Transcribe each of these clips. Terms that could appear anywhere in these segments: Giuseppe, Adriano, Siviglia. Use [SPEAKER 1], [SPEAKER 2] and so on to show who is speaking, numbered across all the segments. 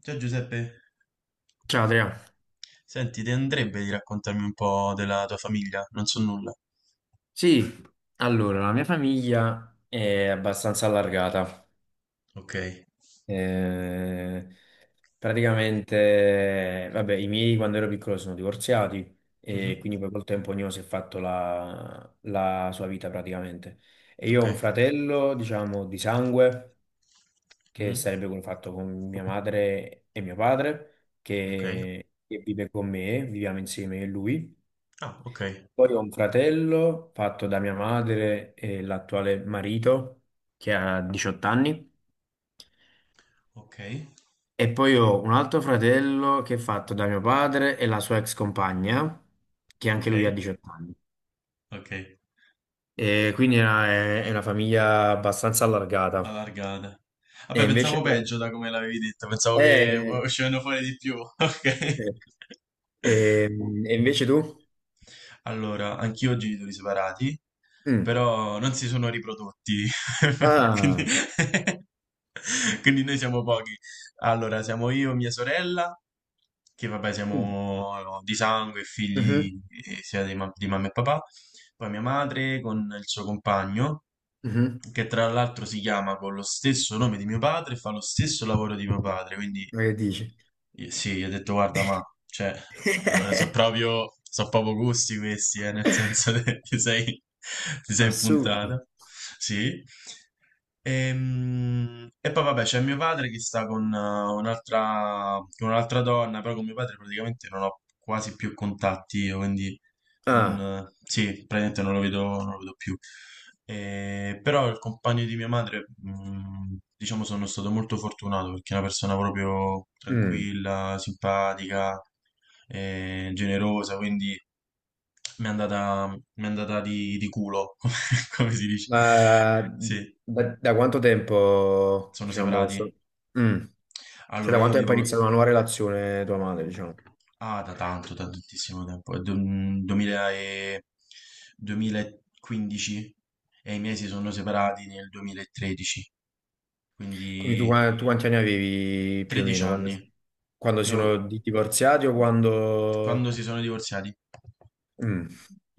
[SPEAKER 1] Ciao Giuseppe,
[SPEAKER 2] Ciao Adriano.
[SPEAKER 1] senti, ti andrebbe di raccontarmi un po' della tua famiglia? Non so nulla.
[SPEAKER 2] Sì, allora, la mia famiglia è abbastanza allargata.
[SPEAKER 1] Ok.
[SPEAKER 2] Eh, praticamente, vabbè, i miei quando ero piccolo sono divorziati
[SPEAKER 1] Mhm.
[SPEAKER 2] e quindi poi col tempo ognuno si è fatto la sua vita praticamente. E io ho
[SPEAKER 1] Ok.
[SPEAKER 2] un fratello, diciamo, di sangue, che
[SPEAKER 1] Mhm.
[SPEAKER 2] sarebbe quello fatto con mia madre e mio padre,
[SPEAKER 1] Ok.
[SPEAKER 2] che vive con me, viviamo insieme a lui.
[SPEAKER 1] Ah, ok.
[SPEAKER 2] Poi ho un fratello fatto da mia madre e l'attuale marito che ha 18 anni.
[SPEAKER 1] Ok.
[SPEAKER 2] E poi ho un altro fratello che è fatto da mio padre e la sua ex compagna, che anche
[SPEAKER 1] Ok.
[SPEAKER 2] lui ha 18 anni.
[SPEAKER 1] Ok.
[SPEAKER 2] E quindi è una, è una famiglia abbastanza allargata.
[SPEAKER 1] Allargata.
[SPEAKER 2] E
[SPEAKER 1] Vabbè,
[SPEAKER 2] invece,
[SPEAKER 1] pensavo peggio da come l'avevi detto, pensavo che
[SPEAKER 2] eh,
[SPEAKER 1] uscivano fuori di più. Ok.
[SPEAKER 2] eh, e invece tu?
[SPEAKER 1] Allora, anch'io ho genitori separati,
[SPEAKER 2] Mm.
[SPEAKER 1] però non si sono riprodotti. Quindi.
[SPEAKER 2] Ah,
[SPEAKER 1] Quindi noi siamo pochi. Allora, siamo io, mia sorella che vabbè
[SPEAKER 2] mm,
[SPEAKER 1] siamo no, di sangue,
[SPEAKER 2] mhm,
[SPEAKER 1] figli sia di, di mamma e papà, poi mia madre con il suo compagno,
[SPEAKER 2] mhm.
[SPEAKER 1] che tra l'altro si chiama con lo stesso nome di mio padre e fa lo stesso lavoro di mio padre, quindi
[SPEAKER 2] Ma che dici?
[SPEAKER 1] sì, gli ho detto guarda ma, cioè, allora so proprio, so proprio gusti questi, nel senso che ti sei
[SPEAKER 2] Assurdo.
[SPEAKER 1] puntata, sì. E, poi vabbè c'è mio padre che sta con un'altra donna, però con mio padre praticamente non ho quasi più contatti, io, quindi non,
[SPEAKER 2] Ah.
[SPEAKER 1] sì, praticamente non lo vedo, non lo vedo più. Però il compagno di mia madre, diciamo, sono stato molto fortunato perché è una persona proprio
[SPEAKER 2] Mm,
[SPEAKER 1] tranquilla, simpatica, generosa, quindi mi è andata di culo, come si dice.
[SPEAKER 2] ma
[SPEAKER 1] Sì,
[SPEAKER 2] da quanto tempo,
[SPEAKER 1] sono
[SPEAKER 2] diciamo,
[SPEAKER 1] separati.
[SPEAKER 2] Mm, cioè da
[SPEAKER 1] Allora, io
[SPEAKER 2] quanto tempo è
[SPEAKER 1] avevo.
[SPEAKER 2] iniziata una nuova relazione tua madre, diciamo?
[SPEAKER 1] Ah, da tanto, da tantissimo tempo, è 2015 e i miei si sono separati nel 2013,
[SPEAKER 2] Quindi tu,
[SPEAKER 1] quindi
[SPEAKER 2] tu quanti anni avevi più o
[SPEAKER 1] 13
[SPEAKER 2] meno quando,
[SPEAKER 1] anni.
[SPEAKER 2] quando sono
[SPEAKER 1] Io,
[SPEAKER 2] divorziati o
[SPEAKER 1] quando
[SPEAKER 2] quando...
[SPEAKER 1] si sono divorziati,
[SPEAKER 2] Mm,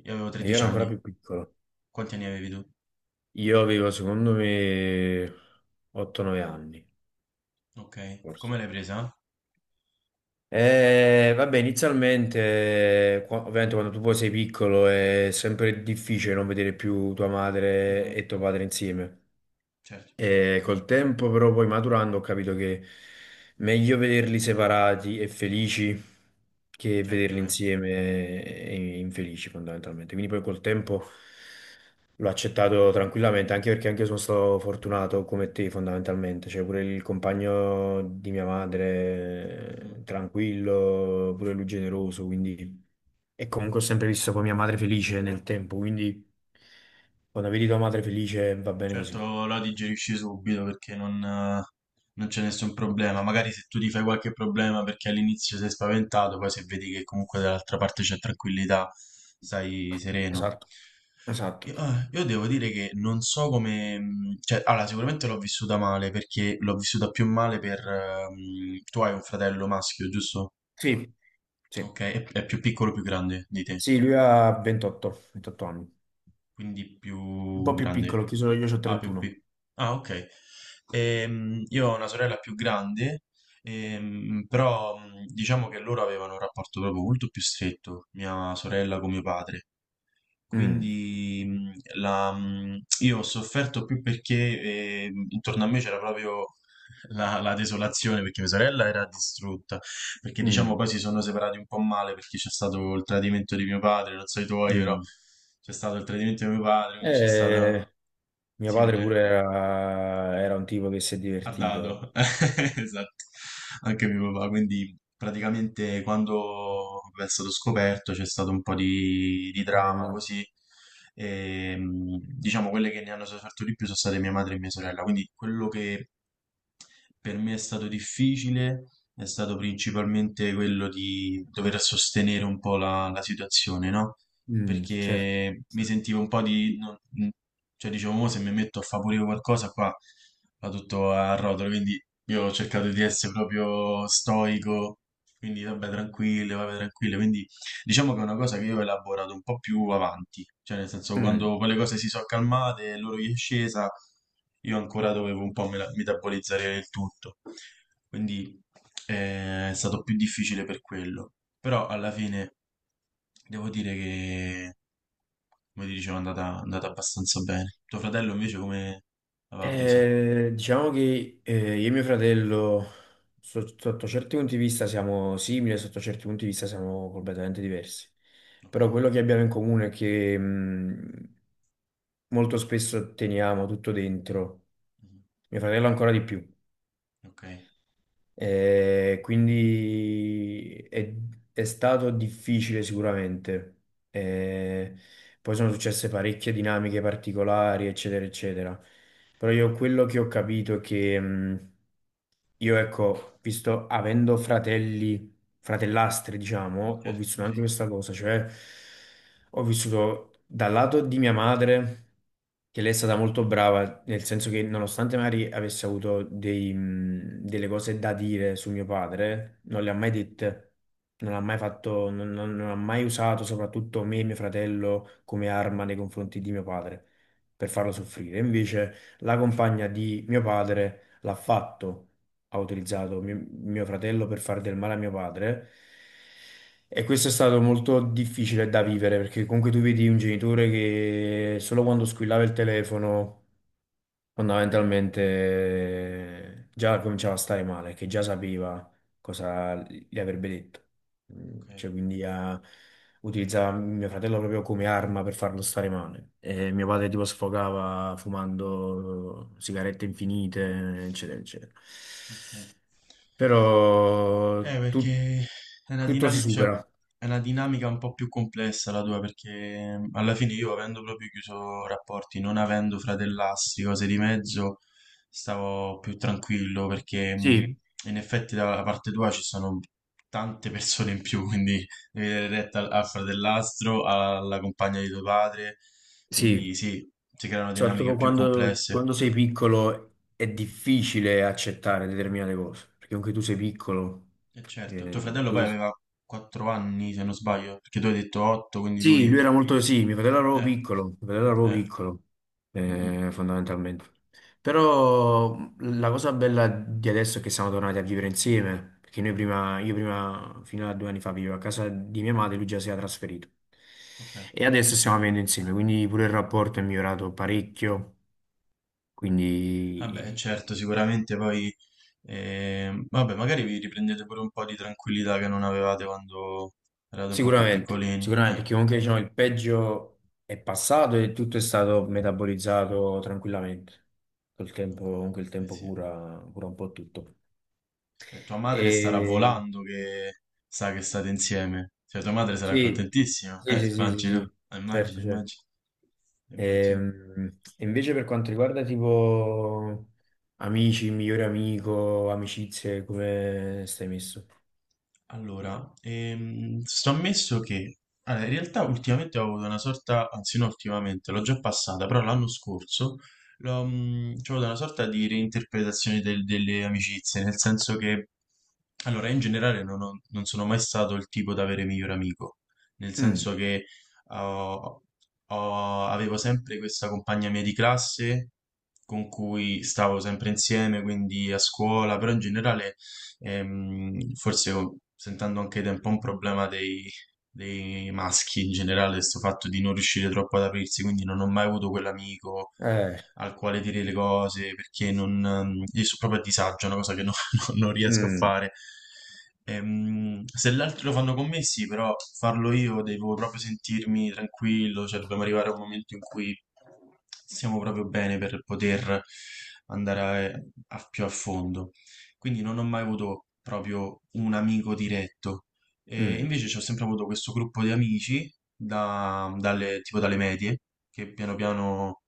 [SPEAKER 1] io avevo
[SPEAKER 2] io
[SPEAKER 1] 13
[SPEAKER 2] ero ancora
[SPEAKER 1] anni.
[SPEAKER 2] più piccolo.
[SPEAKER 1] Quanti anni avevi tu?
[SPEAKER 2] Io avevo, secondo me, 8-9 anni,
[SPEAKER 1] Ok, come
[SPEAKER 2] forse.
[SPEAKER 1] l'hai presa?
[SPEAKER 2] Vabbè, inizialmente, ovviamente quando tu poi sei piccolo è sempre difficile non vedere più tua madre
[SPEAKER 1] Mhm.
[SPEAKER 2] e tuo padre insieme.
[SPEAKER 1] Certo,
[SPEAKER 2] E col tempo, però, poi maturando, ho capito che meglio vederli separati e felici che
[SPEAKER 1] certo
[SPEAKER 2] vederli
[SPEAKER 1] che.
[SPEAKER 2] insieme e infelici, fondamentalmente. Quindi, poi col tempo l'ho accettato tranquillamente, anche perché anche io sono stato fortunato come te, fondamentalmente. Cioè, pure il compagno di mia madre,
[SPEAKER 1] Mhm.
[SPEAKER 2] tranquillo, pure lui generoso, quindi. E comunque ho sempre visto poi mia madre felice nel tempo, quindi quando vedi tua madre felice va bene così.
[SPEAKER 1] Certo, la digerisci subito perché non c'è nessun problema. Magari se tu ti fai qualche problema perché all'inizio sei spaventato, poi se vedi che comunque dall'altra parte c'è tranquillità, stai sereno.
[SPEAKER 2] Esatto. Esatto.
[SPEAKER 1] Io devo dire che non so come. Cioè, allora, sicuramente l'ho vissuta male perché l'ho vissuta più male per. Tu hai un fratello maschio, giusto?
[SPEAKER 2] Sì, sì.
[SPEAKER 1] Ok, è più piccolo o più grande di te,
[SPEAKER 2] Sì, lui ha 28 anni.
[SPEAKER 1] quindi
[SPEAKER 2] Un
[SPEAKER 1] più
[SPEAKER 2] po' più piccolo,
[SPEAKER 1] grande.
[SPEAKER 2] chi sono io, ho
[SPEAKER 1] Ah,
[SPEAKER 2] 31.
[SPEAKER 1] Ah, ok. Io ho una sorella più grande, però diciamo che loro avevano un rapporto proprio molto più stretto, mia sorella con mio padre.
[SPEAKER 2] Mm,
[SPEAKER 1] Quindi io ho sofferto più perché intorno a me c'era proprio la desolazione, perché mia sorella era distrutta, perché diciamo
[SPEAKER 2] mm,
[SPEAKER 1] poi si sono separati un po' male perché c'è stato il tradimento di mio padre, non so i tuoi, però
[SPEAKER 2] mm.
[SPEAKER 1] c'è stato il tradimento di mio padre, quindi c'è stato
[SPEAKER 2] Eh, Mio padre pure
[SPEAKER 1] simile.
[SPEAKER 2] era un tipo che si è
[SPEAKER 1] A dado,
[SPEAKER 2] divertito.
[SPEAKER 1] esatto, anche mio papà, quindi praticamente quando è stato scoperto c'è stato un po' di drama
[SPEAKER 2] Ma-
[SPEAKER 1] così, e, diciamo quelle che ne hanno sofferto di più sono state mia madre e mia sorella, quindi quello che per me è stato difficile, è stato principalmente quello di dover sostenere un po' la situazione, no?
[SPEAKER 2] Mm, certo.
[SPEAKER 1] Perché mi sentivo un po' di. Cioè dicevo, "Mo se mi metto a favorire qualcosa qua va tutto a rotolo, quindi io ho cercato di essere proprio stoico, quindi vabbè tranquillo, quindi Diciamo che è una cosa che io ho elaborato un po' più avanti, cioè nel senso
[SPEAKER 2] Mm.
[SPEAKER 1] quando poi le cose si sono calmate e loro gli è scesa, io ancora dovevo un po' metabolizzare il tutto, quindi è stato più difficile per quello, però alla fine devo dire che, come ti dicevo, è andata abbastanza bene. Tuo fratello invece come l'aveva presa?
[SPEAKER 2] Diciamo che io e mio fratello, sotto certi punti di vista siamo simili, sotto certi punti di vista siamo completamente diversi.
[SPEAKER 1] Ok.
[SPEAKER 2] Però quello che abbiamo in comune è che... mm, molto spesso teniamo tutto dentro,
[SPEAKER 1] Mhm.
[SPEAKER 2] mio fratello ancora di più.
[SPEAKER 1] Ok,
[SPEAKER 2] Eh, quindi è, è stato difficile sicuramente. Eh, Poi sono successe parecchie dinamiche particolari, eccetera, eccetera. Però io quello che ho capito è che io, ecco, visto avendo fratelli fratellastri, diciamo, ho
[SPEAKER 1] certo,
[SPEAKER 2] vissuto anche
[SPEAKER 1] sì.
[SPEAKER 2] questa cosa, cioè ho vissuto dal lato di mia madre, che lei è stata molto brava, nel senso che nonostante magari avesse avuto dei, delle cose da dire su mio padre, non le ha mai dette, non ha mai fatto, non ha mai usato soprattutto me e mio fratello come arma nei confronti di mio padre per
[SPEAKER 1] Mhm.
[SPEAKER 2] farlo soffrire. Invece la compagna di mio padre l'ha fatto ha utilizzato mio fratello per fare del male a mio padre. E questo è stato molto difficile da vivere perché comunque tu vedi un genitore che solo quando squillava il telefono fondamentalmente già cominciava a stare male, che già sapeva cosa gli avrebbe detto.
[SPEAKER 1] Ok,
[SPEAKER 2] Mm, cioè, quindi utilizzava mio fratello proprio come arma per farlo stare male. E mio padre tipo sfogava fumando sigarette infinite, eccetera, eccetera
[SPEAKER 1] ok, ok.
[SPEAKER 2] però
[SPEAKER 1] Perché è una
[SPEAKER 2] tutto si
[SPEAKER 1] dinamica, cioè,
[SPEAKER 2] supera.
[SPEAKER 1] è una dinamica un po' più complessa la tua, perché alla fine io avendo proprio chiuso rapporti, non avendo fratellastri, cose di mezzo, stavo più tranquillo, perché
[SPEAKER 2] Sì,
[SPEAKER 1] in effetti dalla parte tua ci sono tante persone in più, quindi devi dare retta al fratellastro, alla compagna di tuo padre,
[SPEAKER 2] sì,
[SPEAKER 1] quindi sì, si creano dinamiche
[SPEAKER 2] soprattutto
[SPEAKER 1] più complesse.
[SPEAKER 2] quando sei piccolo è difficile accettare determinate cose, perché anche tu sei piccolo,
[SPEAKER 1] E certo, tuo
[SPEAKER 2] eh,
[SPEAKER 1] fratello poi
[SPEAKER 2] dove-
[SPEAKER 1] aveva 4 anni, se non sbaglio, perché tu hai detto 8, quindi
[SPEAKER 2] Sì,
[SPEAKER 1] lui.
[SPEAKER 2] lui era molto, sì,
[SPEAKER 1] Eh,
[SPEAKER 2] mio fratello era proprio
[SPEAKER 1] eh,
[SPEAKER 2] piccolo,
[SPEAKER 1] mm, mm,
[SPEAKER 2] fondamentalmente. Però la cosa bella di adesso è che siamo tornati a vivere insieme, perché noi prima, io prima, fino a due anni fa, vivevo a casa di mia madre, lui già si era trasferito.
[SPEAKER 1] ok.
[SPEAKER 2] E adesso stiamo vivendo insieme, quindi pure il rapporto è migliorato parecchio,
[SPEAKER 1] Vabbè,
[SPEAKER 2] quindi
[SPEAKER 1] certo, sicuramente poi. Vabbè, magari vi riprendete pure un po' di tranquillità che non avevate quando eravate un po' più
[SPEAKER 2] sicuramente,
[SPEAKER 1] piccolini.
[SPEAKER 2] sicuramente, perché comunque diciamo, il peggio è passato e tutto è stato metabolizzato tranquillamente. Col tempo,
[SPEAKER 1] Ok,
[SPEAKER 2] comunque il
[SPEAKER 1] eh
[SPEAKER 2] tempo
[SPEAKER 1] sì.
[SPEAKER 2] cura, cura un po' tutto.
[SPEAKER 1] E tua madre starà
[SPEAKER 2] E,
[SPEAKER 1] volando che sa che state insieme. Cioè, tua madre sarà
[SPEAKER 2] sì,
[SPEAKER 1] contentissima.
[SPEAKER 2] sì, sì, sì, sì,
[SPEAKER 1] Immagino,
[SPEAKER 2] sì,
[SPEAKER 1] immagino,
[SPEAKER 2] certo, certo.
[SPEAKER 1] immagino, immagino.
[SPEAKER 2] E invece per quanto riguarda tipo amici, migliore amico, amicizie, come stai messo?
[SPEAKER 1] Allora, sto ammesso che allora, in realtà ultimamente ho avuto una sorta, anzi no, ultimamente l'ho già passata, però l'anno scorso l'ho, c'ho avuto una sorta di reinterpretazione delle amicizie, nel senso che allora in generale non, non sono mai stato il tipo da avere miglior amico, nel
[SPEAKER 2] Mm,
[SPEAKER 1] senso che ho- avevo sempre questa compagna mia di classe con cui stavo sempre insieme, quindi a scuola, però in generale. Forse oh, sentendo anche da un po' un problema dei maschi in generale, questo fatto di non riuscire troppo ad aprirsi, quindi non ho mai avuto quell'amico
[SPEAKER 2] eh,
[SPEAKER 1] al quale dire le cose, perché non, io sono proprio a disagio, è una cosa che non, non riesco a
[SPEAKER 2] mm,
[SPEAKER 1] fare. Se gli altri lo fanno con me, sì, però farlo io devo proprio sentirmi tranquillo, cioè dobbiamo arrivare a un momento in cui siamo proprio bene per poter andare a più a fondo quindi non ho mai avuto proprio un amico diretto. E
[SPEAKER 2] mm,
[SPEAKER 1] invece ci ho sempre avuto questo gruppo di amici, tipo dalle medie, che piano piano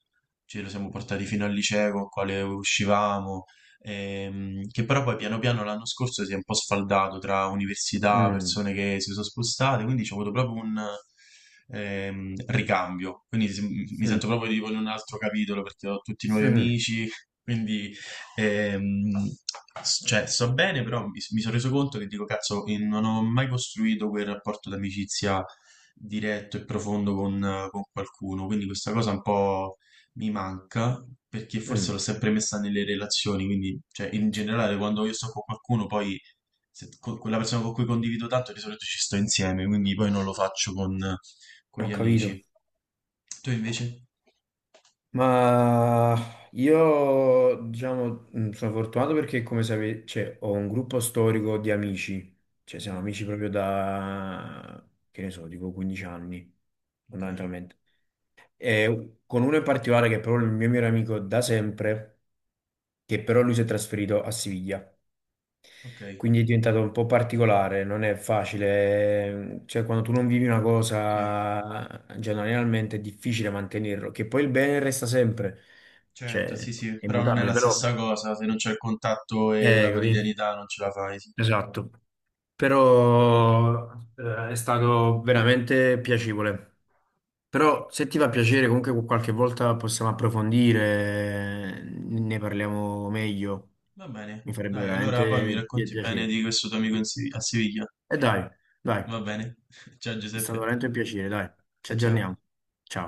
[SPEAKER 1] ce lo siamo portati fino al liceo, con il quale uscivamo, che però poi piano piano l'anno scorso si è un po' sfaldato tra
[SPEAKER 2] mm,
[SPEAKER 1] università,
[SPEAKER 2] mm,
[SPEAKER 1] persone che si sono spostate, quindi ho avuto proprio un ricambio. Quindi mi
[SPEAKER 2] mm,
[SPEAKER 1] sento proprio tipo in un altro capitolo perché ho tutti nuovi
[SPEAKER 2] mm.
[SPEAKER 1] amici, quindi Ehm, cioè, sto bene, però mi sono reso conto che dico, cazzo, non ho mai costruito quel rapporto d'amicizia diretto e profondo con qualcuno, quindi questa cosa un po' mi manca, perché forse
[SPEAKER 2] mm.
[SPEAKER 1] l'ho sempre messa nelle relazioni, quindi, cioè, in generale, quando io sto con qualcuno, poi con quella persona con cui condivido tanto, di solito ci sto insieme, quindi poi non lo faccio con
[SPEAKER 2] Ho
[SPEAKER 1] gli
[SPEAKER 2] capito.
[SPEAKER 1] amici. Tu invece?
[SPEAKER 2] Ma io, diciamo, sono fortunato perché, come sapete, cioè, ho un gruppo storico di amici, cioè siamo
[SPEAKER 1] Mm,
[SPEAKER 2] amici proprio da, che ne so, tipo 15 anni,
[SPEAKER 1] ok,
[SPEAKER 2] fondamentalmente. E con uno in particolare che è proprio il mio migliore amico da sempre, che però lui si è trasferito a Siviglia.
[SPEAKER 1] ok,
[SPEAKER 2] Quindi è diventato un po' particolare, non è facile, cioè quando tu non vivi una
[SPEAKER 1] sì.
[SPEAKER 2] cosa, generalmente è difficile mantenerlo, che poi il bene resta sempre,
[SPEAKER 1] Certo,
[SPEAKER 2] cioè
[SPEAKER 1] sì, sì,
[SPEAKER 2] è
[SPEAKER 1] però non è
[SPEAKER 2] immutabile,
[SPEAKER 1] la
[SPEAKER 2] però,
[SPEAKER 1] stessa cosa, se non c'è il contatto e la
[SPEAKER 2] capì?
[SPEAKER 1] quotidianità non ce la fai, sì.
[SPEAKER 2] Esatto, però è stato veramente piacevole. Però se ti fa piacere, comunque qualche volta possiamo approfondire, ne parliamo meglio,
[SPEAKER 1] Va bene,
[SPEAKER 2] mi farebbe
[SPEAKER 1] dai, allora poi mi
[SPEAKER 2] veramente
[SPEAKER 1] racconti bene
[SPEAKER 2] piacere.
[SPEAKER 1] di questo tuo amico in a Siviglia,
[SPEAKER 2] E dai, dai.
[SPEAKER 1] va bene? Ciao
[SPEAKER 2] È stato
[SPEAKER 1] Giuseppe,
[SPEAKER 2] veramente un piacere, dai. Ci
[SPEAKER 1] ciao ciao.
[SPEAKER 2] aggiorniamo. Ciao.